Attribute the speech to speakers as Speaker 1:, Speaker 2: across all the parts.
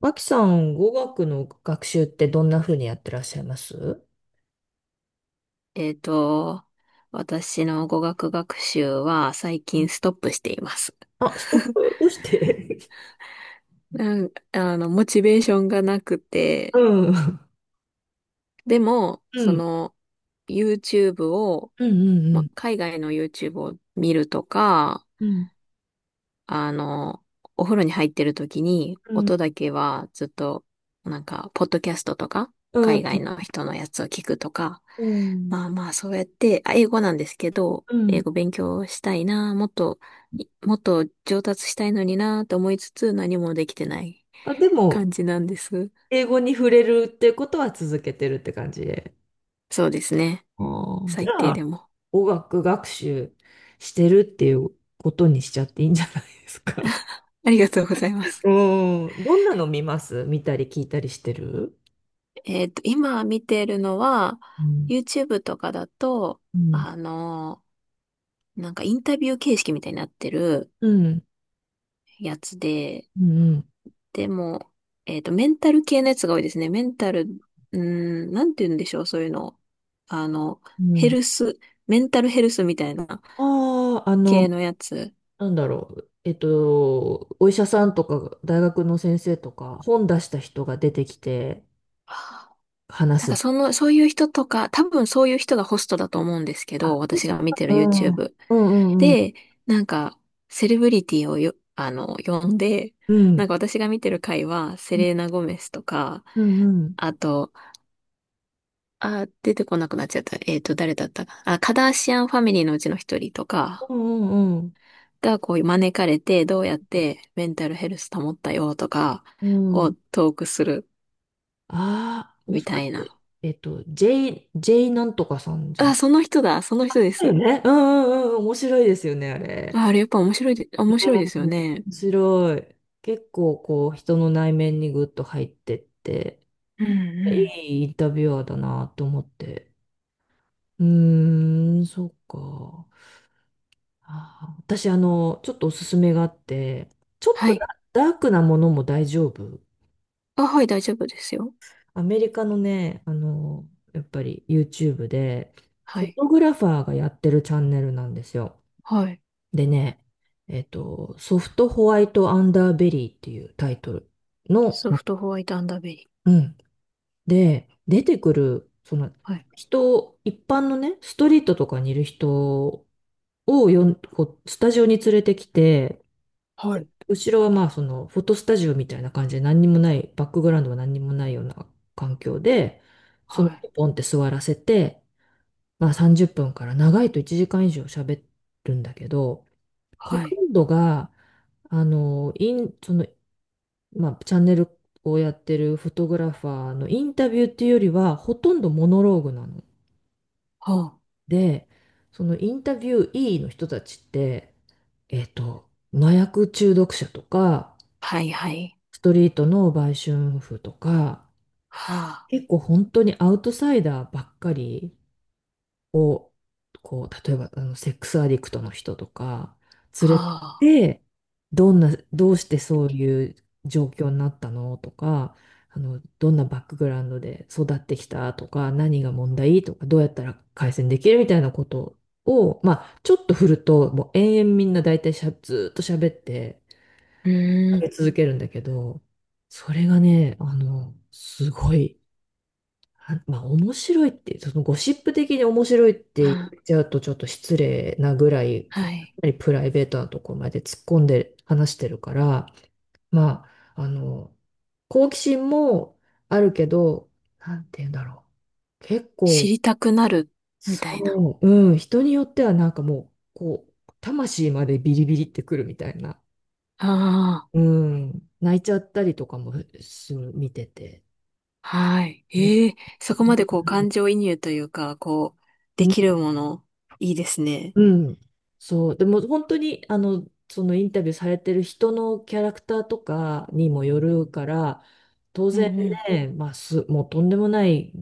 Speaker 1: 脇さん、語学の学習ってどんな風にやってらっしゃいます？
Speaker 2: えっと、私の語学学習は最近ストップしています。
Speaker 1: あ、そう。どうして？
Speaker 2: なんあの、モチベーションがなく て、
Speaker 1: うん。
Speaker 2: でも、
Speaker 1: うん。
Speaker 2: YouTube を、
Speaker 1: うんうんう
Speaker 2: まあ、
Speaker 1: ん。
Speaker 2: 海外の YouTube を見るとか、
Speaker 1: うん。
Speaker 2: あの、お風呂に入ってる時に、
Speaker 1: うん。
Speaker 2: 音だけはずっと、ポッドキャストとか、海外の人のやつを聞くとか、
Speaker 1: うん。
Speaker 2: まあまあ、そうやって、英語なんですけど、
Speaker 1: う
Speaker 2: 英
Speaker 1: ん。
Speaker 2: 語勉強したいな、もっと、もっと上達したいのになと思いつつ、何もできてない
Speaker 1: あ、でも、
Speaker 2: 感じなんです。
Speaker 1: 英語に触れるってことは続けてるって感じで。
Speaker 2: そうですね。
Speaker 1: ああ、じ
Speaker 2: 最
Speaker 1: ゃ
Speaker 2: 低で
Speaker 1: あ、
Speaker 2: も。
Speaker 1: 語学学習してるっていうことにしちゃっていいんじゃないですか。
Speaker 2: ありがとうござい ます。
Speaker 1: うん。どんなの見ます見たり聞いたりしてる？
Speaker 2: 今見てるのは、
Speaker 1: うん。
Speaker 2: YouTube とかだと、
Speaker 1: うん。
Speaker 2: あのインタビュー形式みたいになってる
Speaker 1: うん。
Speaker 2: やつで、
Speaker 1: うん。
Speaker 2: でも、メンタル系のやつが多いですね。メンタル、うーなんて言うんでしょう、そういうの。あの、
Speaker 1: う
Speaker 2: ヘ
Speaker 1: ん。
Speaker 2: ルス、メンタルヘルスみたいな
Speaker 1: ああ、あ
Speaker 2: 系
Speaker 1: の、
Speaker 2: のやつ。
Speaker 1: なんだろう。お医者さんとか、大学の先生とか、本出した人が出てきて
Speaker 2: はあ。
Speaker 1: 話
Speaker 2: なんか
Speaker 1: す。
Speaker 2: そういう人とか、多分そういう人がホストだと思うんですけ
Speaker 1: あ、
Speaker 2: ど、
Speaker 1: で
Speaker 2: 私
Speaker 1: す
Speaker 2: が
Speaker 1: か？
Speaker 2: 見てる
Speaker 1: うん、うん
Speaker 2: YouTube。
Speaker 1: うんうん。
Speaker 2: で、なんか、セレブリティをよ、あの、呼んで、
Speaker 1: う
Speaker 2: な
Speaker 1: ん。
Speaker 2: んか私が見てる回は、セレーナ・ゴメスとか、
Speaker 1: うんうん。
Speaker 2: あと、出てこなくなっちゃった。誰だったか。あ、カダーシアンファミリーのうちの一人とか
Speaker 1: うんうん
Speaker 2: がこう招かれて、どうやってメンタルヘルス保ったよとか
Speaker 1: うん。うん。
Speaker 2: をトークする
Speaker 1: ああ、も
Speaker 2: み
Speaker 1: しか
Speaker 2: た
Speaker 1: し
Speaker 2: い
Speaker 1: て、
Speaker 2: な。
Speaker 1: J なんとかさんじゃな
Speaker 2: あ、
Speaker 1: い？
Speaker 2: その人だ、その人で
Speaker 1: だよ
Speaker 2: す。
Speaker 1: ね。うんうんうん。面白いですよね、あれ。
Speaker 2: あ、あれやっぱ面白
Speaker 1: う
Speaker 2: いですよ
Speaker 1: ん。
Speaker 2: ね。
Speaker 1: 面白い。結構こう、人の内面にぐっと入ってって、
Speaker 2: うんうん。
Speaker 1: いいインタビュアーだなと思って。うーん、そうか。あー、私、ちょっとおすすめがあって、ちょっ
Speaker 2: は
Speaker 1: とダ
Speaker 2: い。
Speaker 1: ダークなものも大丈夫？
Speaker 2: あ、はい、大丈夫ですよ。
Speaker 1: アメリカのね、やっぱり YouTube で、
Speaker 2: は
Speaker 1: フォ
Speaker 2: い。
Speaker 1: トグラファーがやってるチャンネルなんですよ。
Speaker 2: はい。
Speaker 1: でね、ソフトホワイトアンダーベリーっていうタイトルの、
Speaker 2: ソフトホワイトアンダーベリー。
Speaker 1: うん。で、出てくる、その、
Speaker 2: はい。
Speaker 1: 人、一般のね、ストリートとかにいる人をこう、スタジオに連れてきて、
Speaker 2: はい。
Speaker 1: 後ろはまあそのフォトスタジオみたいな感じで何にもない、バックグラウンドは何にもないような環境で、その
Speaker 2: はい。
Speaker 1: 子ポンって座らせて、まあ30分から長いと1時間以上喋るんだけど、ほ
Speaker 2: は
Speaker 1: と
Speaker 2: い。
Speaker 1: んどが、あの、イン、その、まあチャンネルをやってるフォトグラファーのインタビューっていうよりは、ほとんどモノローグなの。
Speaker 2: ほう。
Speaker 1: で、そのインタビュー E の人たちって、えっと、麻薬中毒者とか、
Speaker 2: はい、はい。
Speaker 1: ストリートの売春婦とか、
Speaker 2: はあ、
Speaker 1: 結構本当にアウトサイダーばっかりを、こう、例えばあのセックスアディクトの人とか、
Speaker 2: は
Speaker 1: 連れてっ
Speaker 2: あ。
Speaker 1: てどんな、どうしてそういう状況になったのとか、あの、どんなバックグラウンドで育ってきたとか、何が問題とか、どうやったら改善できるみたいなことを、まあ、ちょっと振ると、もう延々みんな大体しゃ、ずーっと喋って、
Speaker 2: う
Speaker 1: 上
Speaker 2: ーん。
Speaker 1: げ続けるんだけど、それがね、あの、すごい、あまあ面白いって、そのゴシップ的に面白いっ
Speaker 2: あ
Speaker 1: て言っちゃうとちょっと失礼なぐらい、か
Speaker 2: はい。
Speaker 1: なりプライベートなところまで突っ込んで話してるから、まあ、あの、好奇心もあるけど、なんて言うんだろう。結
Speaker 2: 知
Speaker 1: 構、
Speaker 2: りたくなる、みたいな。
Speaker 1: そう、うん、人によってはなんかもう、こう、魂までビリビリってくるみたいな。
Speaker 2: あ
Speaker 1: うん、泣いちゃったりとかもする、見てて。
Speaker 2: あ、はい。
Speaker 1: な
Speaker 2: ええ、そこまでこう感情移入というか、こう、
Speaker 1: う
Speaker 2: で
Speaker 1: ん、
Speaker 2: きるもの、いいですね。
Speaker 1: うん、そう、でも本当に、あの、そのインタビューされてる人のキャラクターとかにもよるから、当
Speaker 2: う
Speaker 1: 然
Speaker 2: んうん。
Speaker 1: ね、もうとんでもない、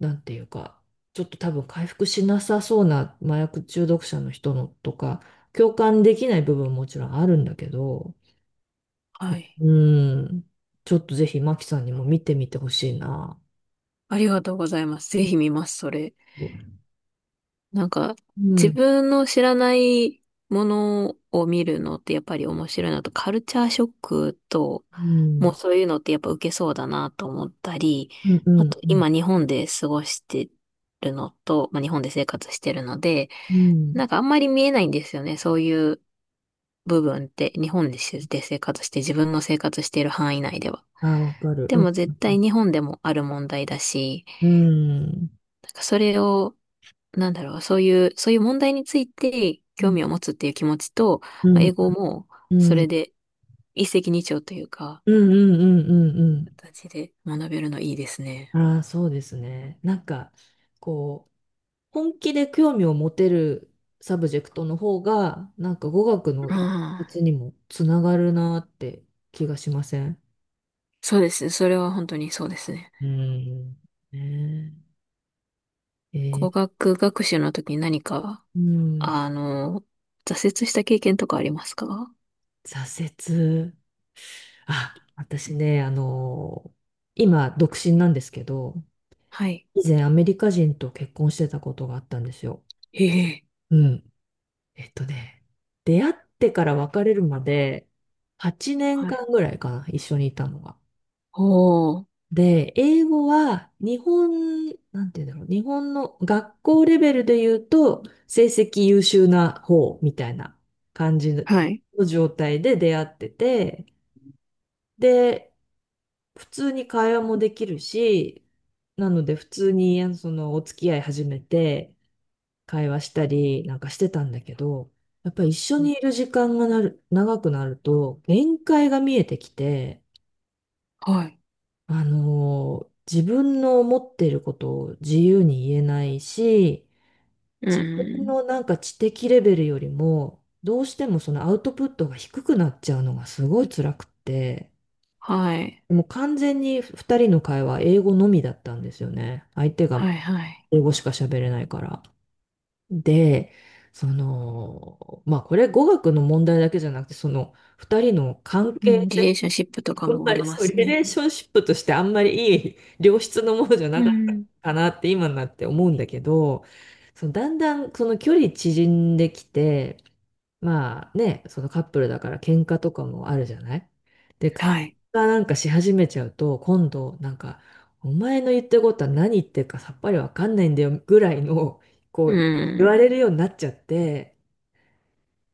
Speaker 1: なんていうか、ちょっと多分回復しなさそうな麻薬中毒者の人のとか、共感できない部分ももちろんあるんだけど、
Speaker 2: はい。
Speaker 1: うん、ちょっとぜひマキさんにも見てみてほしいな。
Speaker 2: ありがとうございます。ぜひ見ます、それ。
Speaker 1: うん。
Speaker 2: なんか、自分の知らないものを見るのってやっぱり面白いなと、カルチャーショックと、
Speaker 1: う
Speaker 2: も
Speaker 1: ん。
Speaker 2: うそういうのってやっぱ受けそうだなと思ったり、
Speaker 1: うんう
Speaker 2: あ
Speaker 1: ん
Speaker 2: と
Speaker 1: うん。
Speaker 2: 今日本で過ごしてるのと、まあ、日本で生活してるので、
Speaker 1: うん。
Speaker 2: なんかあんまり見えないんですよね。そういう部分って、日本で生活して、自分の生活している範囲内では。
Speaker 1: ああ、わかる。
Speaker 2: で
Speaker 1: う
Speaker 2: も絶対日本でもある問題だし、
Speaker 1: ん。
Speaker 2: なんかそれを、なんだろう、そういう問題について
Speaker 1: う
Speaker 2: 興
Speaker 1: ん。
Speaker 2: 味を持つっていう気持ちと、
Speaker 1: う
Speaker 2: まあ、
Speaker 1: ん。
Speaker 2: 英語も
Speaker 1: うん。
Speaker 2: そ
Speaker 1: う
Speaker 2: れ
Speaker 1: ん。
Speaker 2: で一石二鳥というか、
Speaker 1: うんうんうんうん
Speaker 2: 形で学べるのいいです
Speaker 1: うん。ああわかるうんうんうんうんうんうんうんうん
Speaker 2: ね。
Speaker 1: うんああそうですね。なんか、こう、本気で興味を持てるサブジェクトの方が、なんか語学の
Speaker 2: うん。
Speaker 1: 発にもつながるなって気がしません？
Speaker 2: そうですね。それは本当にそうですね。
Speaker 1: うん。ねえ。え
Speaker 2: 語
Speaker 1: ー。
Speaker 2: 学学習の時に何か
Speaker 1: うん。
Speaker 2: あの、挫折した経験とかありますか？
Speaker 1: 挫折。あ、私ね、あの今、独身なんですけど、
Speaker 2: はい。
Speaker 1: 以前アメリカ人と結婚してたことがあったんですよ。
Speaker 2: ええ。
Speaker 1: うん。えっとね、出会ってから別れるまで8年
Speaker 2: はい。
Speaker 1: 間ぐらいかな、一緒にいたのが。
Speaker 2: おー。
Speaker 1: で、英語は日本、なんて言うんだろう、日本の学校レベルで言うと成績優秀な方みたいな感じ
Speaker 2: はい。
Speaker 1: の状態で出会ってて、で、普通に会話もできるし、なので普通にあのそのお付き合い始めて、会話したりなんかしてたんだけど、やっぱり一緒
Speaker 2: うん
Speaker 1: にいる時間が長くなると、限界が見えてきて、
Speaker 2: はい。
Speaker 1: あのー自分の思っていることを自由に言えないし、
Speaker 2: う
Speaker 1: 自分
Speaker 2: ん。
Speaker 1: のなんか知的レベルよりも、どうしてもそのアウトプットが低くなっちゃうのがすごい辛くって、
Speaker 2: はい。
Speaker 1: でも完全に2人の会話、英語のみだったんですよね。相手が
Speaker 2: はい、はい。
Speaker 1: 英語しか喋れないから。で、その、まあこれ語学の問題だけじゃなくて、その2人の関
Speaker 2: う
Speaker 1: 係
Speaker 2: ん、リレ
Speaker 1: 性、
Speaker 2: ーションシップとか
Speaker 1: あん
Speaker 2: もあ
Speaker 1: ま
Speaker 2: り
Speaker 1: り
Speaker 2: ま
Speaker 1: そう、リ
Speaker 2: す
Speaker 1: レ
Speaker 2: ね。
Speaker 1: ーションシップとしてあんまりいい良質のものじゃな
Speaker 2: う
Speaker 1: かった
Speaker 2: ん。
Speaker 1: かなって今になって思うんだけど、そのだんだんその距離縮んできて、まあね、そのカップルだから喧嘩とかもあるじゃない？で、喧
Speaker 2: はい。
Speaker 1: 嘩なんかし始めちゃうと、今度なんか、お前の言ってることは何言ってるかさっぱりわかんないんだよぐらいの、こ
Speaker 2: う
Speaker 1: う、言わ
Speaker 2: ん。
Speaker 1: れるようになっちゃって、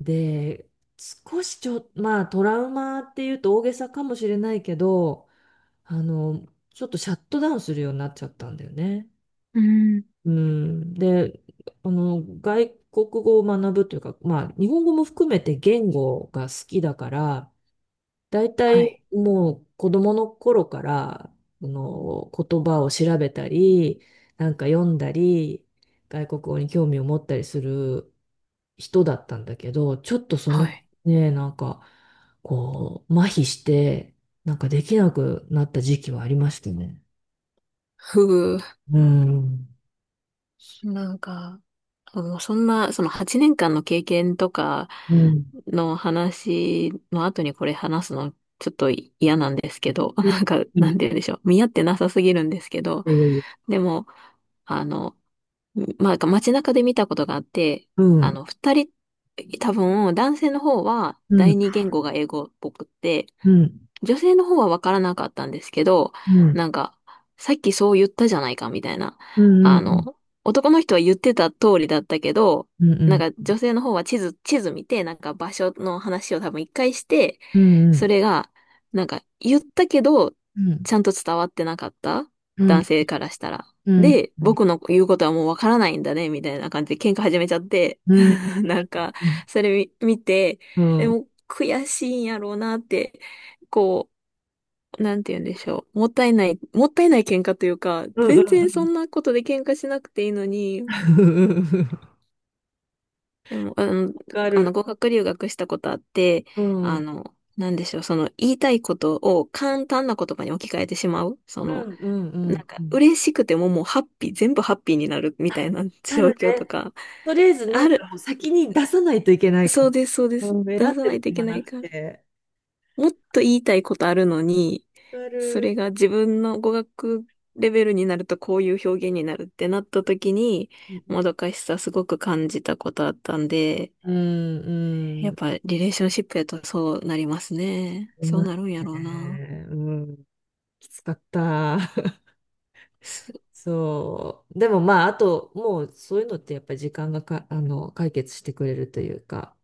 Speaker 1: で、少しちょ、まあトラウマっていうと大げさかもしれないけど、あの、ちょっとシャットダウンするようになっちゃったんだよね。
Speaker 2: うん。
Speaker 1: うん。で、あの、外国語を学ぶというか、まあ、日本語も含めて言語が好きだから、だいた
Speaker 2: は
Speaker 1: い
Speaker 2: い。
Speaker 1: もう子供の頃から、あの、言葉を調べたり、なんか読んだり、外国語に興味を持ったりする人だったんだけど、ちょっとそ
Speaker 2: は
Speaker 1: の、
Speaker 2: い。
Speaker 1: ね、なんか、こう、麻痺して、なんかできなくなった時期はありましたね。
Speaker 2: ふう。
Speaker 1: うん。
Speaker 2: なんか、もうそんな、その8年間の経験とか
Speaker 1: うん。
Speaker 2: の話の後にこれ話すのちょっと嫌なんですけど、
Speaker 1: うん。
Speaker 2: なんか、
Speaker 1: うん。
Speaker 2: な
Speaker 1: い
Speaker 2: んて言うんでしょう。見合ってなさすぎるんですけど、
Speaker 1: やいやいや。
Speaker 2: でも、あの、まあ、街中で見たことがあって、
Speaker 1: うん、
Speaker 2: 二人、多分、男性の方は
Speaker 1: う
Speaker 2: 第
Speaker 1: ん、
Speaker 2: 二言語が英語っぽくって、
Speaker 1: うん、
Speaker 2: 女性の方はわからなかったんですけど、
Speaker 1: うん、
Speaker 2: なんか、さっきそう言ったじゃないかみたいな。
Speaker 1: うん、う
Speaker 2: あ
Speaker 1: ん、
Speaker 2: の、男の人は言ってた通りだったけど、
Speaker 1: うん、う
Speaker 2: なんか
Speaker 1: ん、
Speaker 2: 女性の方は地図見て、なんか場所の話を多分一回して、
Speaker 1: う
Speaker 2: そ
Speaker 1: ん、
Speaker 2: れが、なんか言ったけど、ちゃんと伝わってなかった
Speaker 1: うん、
Speaker 2: 男性からしたら。
Speaker 1: うん、うん、
Speaker 2: で、
Speaker 1: うん、うん、
Speaker 2: 僕の言うことはもうわからないんだね、みたいな感じで喧嘩始めちゃって、
Speaker 1: うん、うん、
Speaker 2: なんか、それ見て、もう悔しいんやろうなって、こう、なんて言うんでしょう。もったいない、もったいない喧嘩というか、
Speaker 1: うん、う
Speaker 2: 全然そ
Speaker 1: ん、
Speaker 2: んなことで喧嘩しなくていいのに、でも、
Speaker 1: わかる。
Speaker 2: 語学留学したことあって、
Speaker 1: うん、うん、
Speaker 2: なんでしょう、その言いたいことを簡単な言葉に置き換えてしまう。
Speaker 1: うん、
Speaker 2: なん
Speaker 1: う
Speaker 2: か
Speaker 1: ん。
Speaker 2: 嬉しくてももうハッピー、全部ハッピーになるみたい
Speaker 1: あ、
Speaker 2: な
Speaker 1: な
Speaker 2: 状
Speaker 1: る
Speaker 2: 況と
Speaker 1: ね。
Speaker 2: か、
Speaker 1: とりあえず、な
Speaker 2: あ
Speaker 1: んか
Speaker 2: る、
Speaker 1: もう先に出さないといけないか
Speaker 2: そう
Speaker 1: も。
Speaker 2: です、そうで
Speaker 1: う
Speaker 2: す。
Speaker 1: ん、
Speaker 2: 出
Speaker 1: 選っ
Speaker 2: さ
Speaker 1: て
Speaker 2: ない
Speaker 1: る
Speaker 2: といけ
Speaker 1: 暇
Speaker 2: な
Speaker 1: な
Speaker 2: い
Speaker 1: く
Speaker 2: から。
Speaker 1: て。
Speaker 2: もっと言いたいことあるのに、
Speaker 1: わか
Speaker 2: そ
Speaker 1: る。
Speaker 2: れが自分の語学レベルになるとこういう表現になるってなった時に、
Speaker 1: う
Speaker 2: も
Speaker 1: ん、
Speaker 2: どかしさすごく感じたことあったんで、
Speaker 1: うん、
Speaker 2: や
Speaker 1: うん。
Speaker 2: っ
Speaker 1: あ
Speaker 2: ぱリレーションシップやとそうなりますね。
Speaker 1: り
Speaker 2: そう
Speaker 1: ます
Speaker 2: なるんやろうな。
Speaker 1: ね。うん、きつかった。
Speaker 2: す
Speaker 1: そう。でもまあ、あと、もうそういうのってやっぱり時間がか、あの、解決してくれるというか、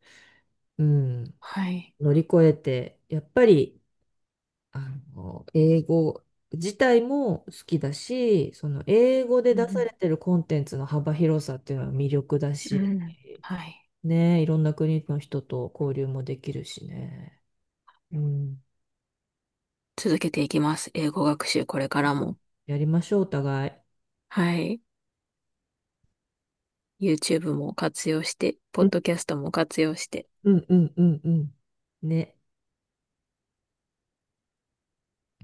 Speaker 1: うん、
Speaker 2: はい。
Speaker 1: 乗り越えて、やっぱり、あの、英語自体も好きだし、その英語で
Speaker 2: う
Speaker 1: 出され
Speaker 2: ん。
Speaker 1: てるコンテンツの幅広さっていうのは魅力だ
Speaker 2: う
Speaker 1: し、
Speaker 2: んはい。
Speaker 1: ね、いろんな国の人と交流もできるしね。うん、
Speaker 2: 続けていきます。英語学習これからも。
Speaker 1: やりましょう、お互い。
Speaker 2: はい。YouTube も活用して、ポ
Speaker 1: う
Speaker 2: ッ
Speaker 1: ん、
Speaker 2: ドキャストも活用して、
Speaker 1: うん、うん、うん。うんね。